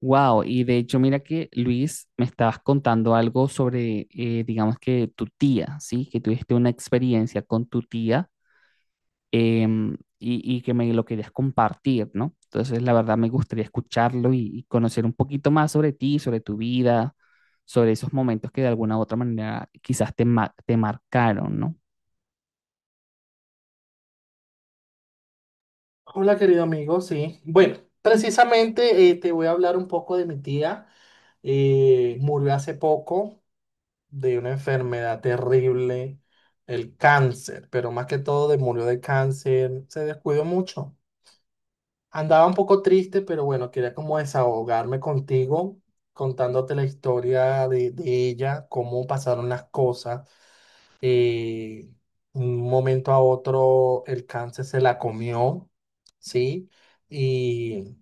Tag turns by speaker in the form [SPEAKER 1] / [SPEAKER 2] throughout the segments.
[SPEAKER 1] Wow, y de hecho, mira que Luis, me estabas contando algo sobre, digamos que tu tía, ¿sí? Que tuviste una experiencia con tu tía y que me lo querías compartir, ¿no? Entonces, la verdad, me gustaría escucharlo y conocer un poquito más sobre ti, sobre tu vida, sobre esos momentos que de alguna u otra manera quizás te marcaron, ¿no?
[SPEAKER 2] Hola, querido amigo, sí. Bueno, precisamente te voy a hablar un poco de mi tía. Murió hace poco de una enfermedad terrible, el cáncer, pero más que todo de, murió de cáncer, se descuidó mucho. Andaba un poco triste, pero bueno, quería como desahogarme contigo, contándote la historia de ella, cómo pasaron las cosas. Eh, un momento a otro el cáncer se la comió, ¿sí? Y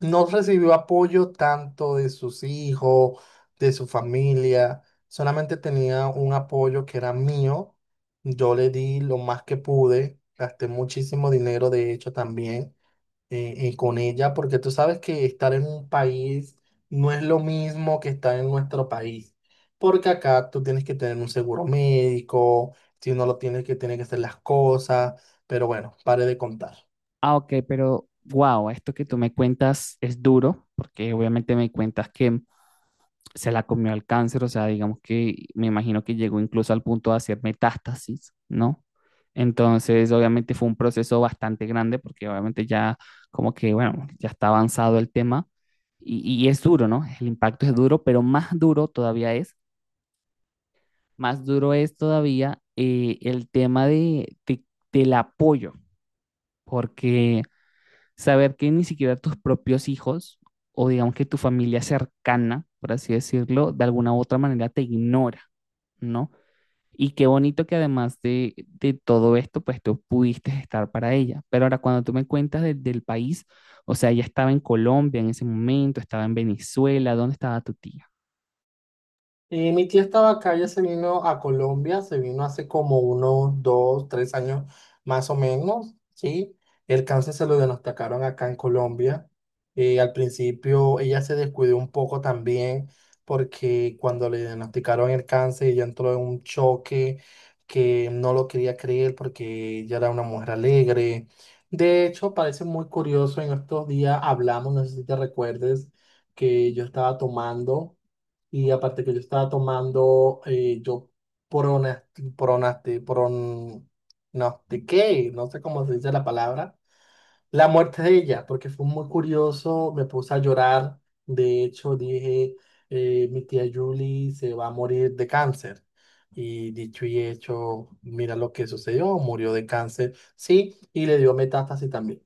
[SPEAKER 2] no recibió apoyo tanto de sus hijos, de su familia, solamente tenía un apoyo que era mío. Yo le di lo más que pude, gasté muchísimo dinero, de hecho, también con ella, porque tú sabes que estar en un país no es lo mismo que estar en nuestro país, porque acá tú tienes que tener un seguro médico, si no lo tienes que, tiene que hacer las cosas, pero bueno, pare de contar.
[SPEAKER 1] Ah, ok, pero wow, esto que tú me cuentas es duro, porque obviamente me cuentas que se la comió el cáncer, o sea, digamos que me imagino que llegó incluso al punto de hacer metástasis, ¿no? Entonces, obviamente fue un proceso bastante grande porque obviamente ya como que, bueno, ya está avanzado el tema y es duro, ¿no? El impacto es duro, pero más duro es todavía el tema del apoyo, porque saber que ni siquiera tus propios hijos o digamos que tu familia cercana, por así decirlo, de alguna u otra manera te ignora, ¿no? Y qué bonito que además de todo esto, pues tú pudiste estar para ella. Pero ahora cuando tú me cuentas del país, o sea, ella estaba en Colombia en ese momento, estaba en Venezuela, ¿dónde estaba tu tía?
[SPEAKER 2] Y mi tía estaba acá, ella se vino a Colombia, se vino hace como unos dos, tres años más o menos, ¿sí? El cáncer se lo diagnosticaron acá en Colombia. Y al principio ella se descuidó un poco también porque cuando le diagnosticaron el cáncer ella entró en un choque que no lo quería creer porque ella era una mujer alegre. De hecho, parece muy curioso, en estos días hablamos, no sé si te recuerdes, que yo estaba tomando. Y aparte que yo estaba tomando, yo pronas- pronaste, pron, no, ¿de qué? No sé cómo se dice la palabra. La muerte de ella, porque fue muy curioso, me puse a llorar. De hecho, dije, mi tía Julie se va a morir de cáncer. Y dicho y hecho, mira lo que sucedió, murió de cáncer, sí, y le dio metástasis también.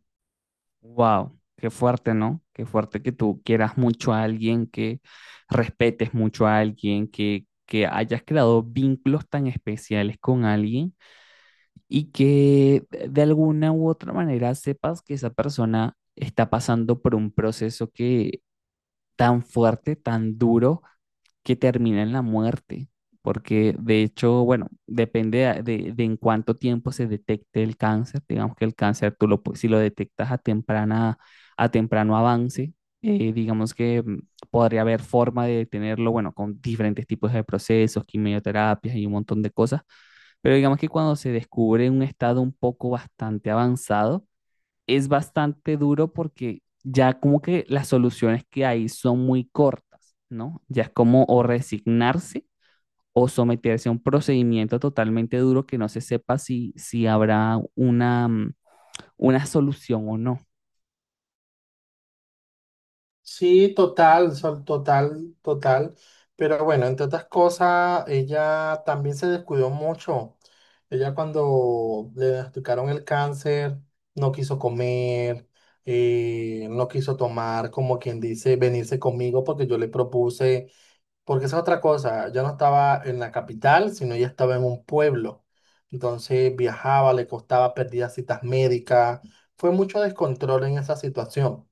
[SPEAKER 1] Wow, qué fuerte, ¿no? Qué fuerte que tú quieras mucho a alguien, que respetes mucho a alguien, que hayas creado vínculos tan especiales con alguien y que de alguna u otra manera sepas que esa persona está pasando por un proceso que tan fuerte, tan duro, que termina en la muerte. Porque de hecho, bueno, depende de en cuánto tiempo se detecte el cáncer. Digamos que el cáncer, si lo detectas a temprana, a temprano avance, digamos que podría haber forma de detenerlo, bueno, con diferentes tipos de procesos, quimioterapias y un montón de cosas. Pero digamos que cuando se descubre un estado un poco bastante avanzado, es bastante duro porque ya como que las soluciones que hay son muy cortas, ¿no? Ya es como o resignarse o someterse a un procedimiento totalmente duro que no se sepa si habrá una una solución o no.
[SPEAKER 2] Sí, total, total, total. Pero bueno, entre otras cosas, ella también se descuidó mucho. Ella cuando le diagnosticaron el cáncer, no quiso comer, no quiso tomar, como quien dice, venirse conmigo porque yo le propuse, porque esa es otra cosa, yo no estaba en la capital, sino ella estaba en un pueblo. Entonces viajaba, le costaba, perdía citas médicas. Fue mucho descontrol en esa situación.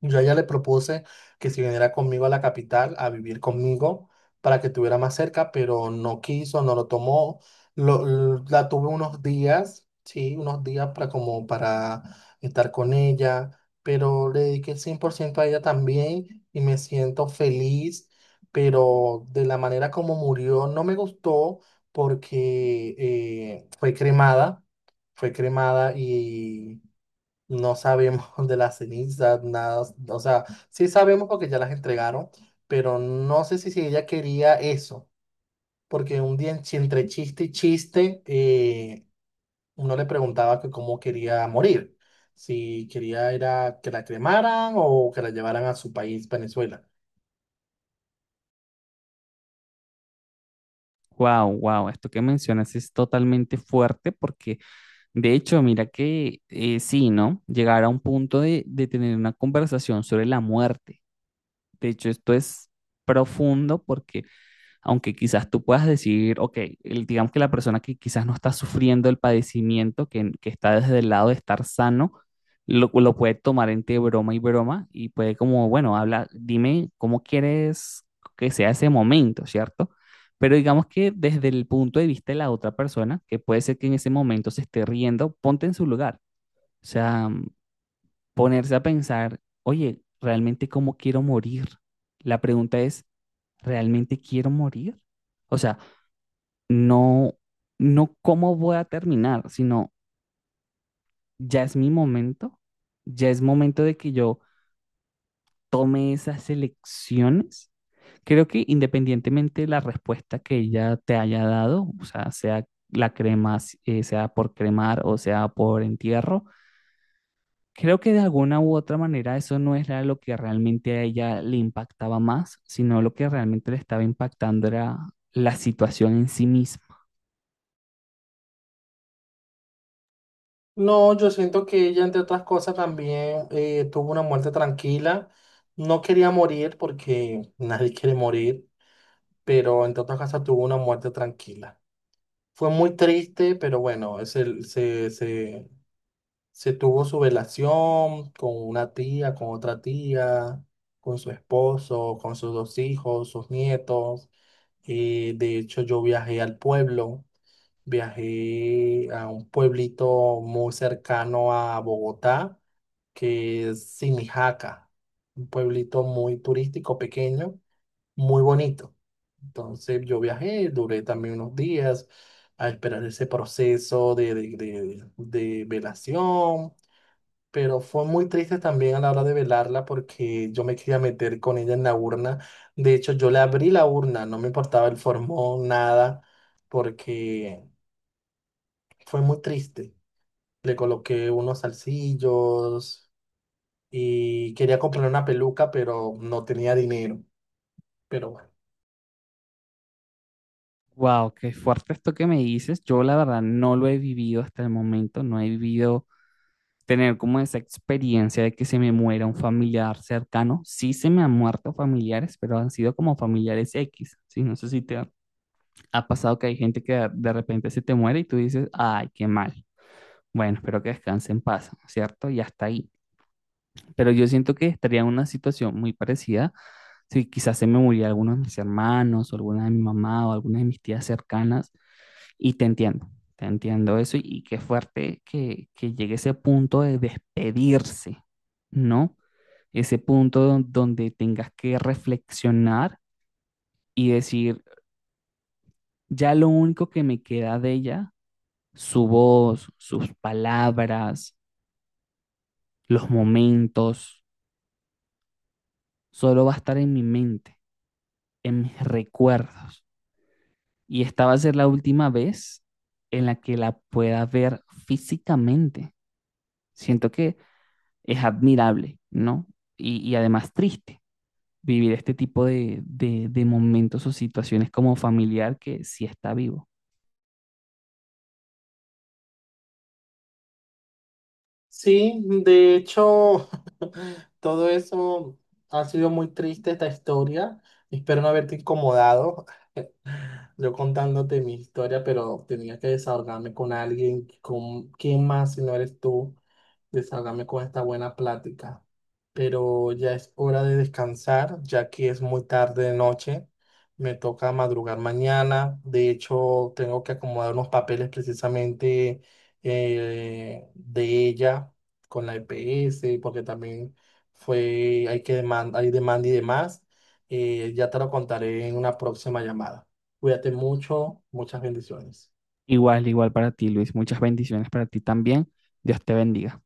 [SPEAKER 2] Yo a ella le propuse que si viniera conmigo a la capital a vivir conmigo para que estuviera más cerca, pero no quiso, no lo tomó. Lo- la tuve unos días, sí, unos días para como para estar con ella, pero le dediqué el 100% a ella también y me siento feliz, pero de la manera como murió no me gustó porque fue cremada, fue cremada, no sabemos de las cenizas, nada. O sea, sí sabemos porque ya las entregaron, pero no sé si ella quería eso, porque un día en entre chiste y chiste, uno le preguntaba que cómo quería morir, si quería era que la cremaran o que la llevaran a su país, Venezuela.
[SPEAKER 1] Wow, wow, esto que mencionas es totalmente fuerte porque de hecho, mira que sí, ¿no? Llegar a un punto de tener una conversación sobre la muerte. De hecho, esto es profundo porque aunque quizás tú puedas decir, ok, digamos que la persona que quizás no está sufriendo el padecimiento, que está desde el lado de estar sano, lo puede tomar entre broma y broma y puede como, bueno, habla, dime cómo quieres que sea ese momento, ¿cierto? Pero digamos que desde el punto de vista de la otra persona, que puede ser que en ese momento se esté riendo, ponte en su lugar. O sea, ponerse a pensar, oye, ¿realmente cómo quiero morir? La pregunta es, ¿realmente quiero morir? O sea, no, no cómo voy a terminar, sino ya es mi momento, ya es momento de que yo tome esas elecciones. Creo que independientemente de la respuesta que ella te haya dado, o sea, sea la crema, si, sea por cremar o sea por entierro, creo que de alguna u otra manera eso no era lo que realmente a ella le impactaba más, sino lo que realmente le estaba impactando era la situación en sí misma.
[SPEAKER 2] No, yo siento que ella, entre otras cosas, también tuvo una muerte tranquila. No quería morir porque nadie quiere morir, pero entre otras cosas tuvo una muerte tranquila. Fue muy triste, pero bueno, se tuvo su velación con una tía, con otra tía, con su esposo, con sus dos hijos, sus nietos. De hecho, yo viajé al pueblo, viajé a un pueblito muy cercano a Bogotá, que es Simijaca, un pueblito muy turístico, pequeño, muy bonito. Entonces yo viajé, duré también unos días a esperar ese proceso de velación, pero fue muy triste también a la hora de velarla porque yo me quería meter con ella en la urna. De hecho, yo le abrí la urna, no me importaba el formón, nada, porque fue muy triste. Le coloqué unos salsillos y quería comprar una peluca, pero no tenía dinero. Pero bueno.
[SPEAKER 1] Wow, qué fuerte esto que me dices. Yo la verdad no lo he vivido hasta el momento, no he vivido tener como esa experiencia de que se me muera un familiar cercano. Sí se me han muerto familiares, pero han sido como familiares X, ¿sí? No sé si te ha ha pasado que hay gente que de repente se te muere y tú dices, ay, qué mal. Bueno, espero que descanse en paz, ¿cierto? Y hasta ahí. Pero yo siento que estaría en una situación muy parecida si quizás se me muriera alguno de mis hermanos o alguna de mi mamá o alguna de mis tías cercanas. Y te entiendo eso y qué fuerte que llegue ese punto de despedirse, ¿no? Ese punto donde tengas que reflexionar y decir, ya lo único que me queda de ella, su voz, sus palabras, los momentos, solo va a estar en mi mente, en mis recuerdos. Y esta va a ser la última vez en la que la pueda ver físicamente. Siento que es admirable, ¿no? Y además triste vivir este tipo de momentos o situaciones como familiar que sí está vivo.
[SPEAKER 2] Sí, de hecho, todo eso ha sido muy triste esta historia. Espero no haberte incomodado. Yo contándote mi historia, pero tenía que desahogarme con alguien, con quién más si no eres tú, desahogarme con esta buena plática. Pero ya es hora de descansar, ya que es muy tarde de noche. Me toca madrugar mañana. De hecho, tengo que acomodar unos papeles precisamente de ella con la EPS porque también fue, hay que demanda, hay demanda y demás. Ya te lo contaré en una próxima llamada. Cuídate mucho, muchas bendiciones.
[SPEAKER 1] Igual, igual para ti, Luis. Muchas bendiciones para ti también. Dios te bendiga.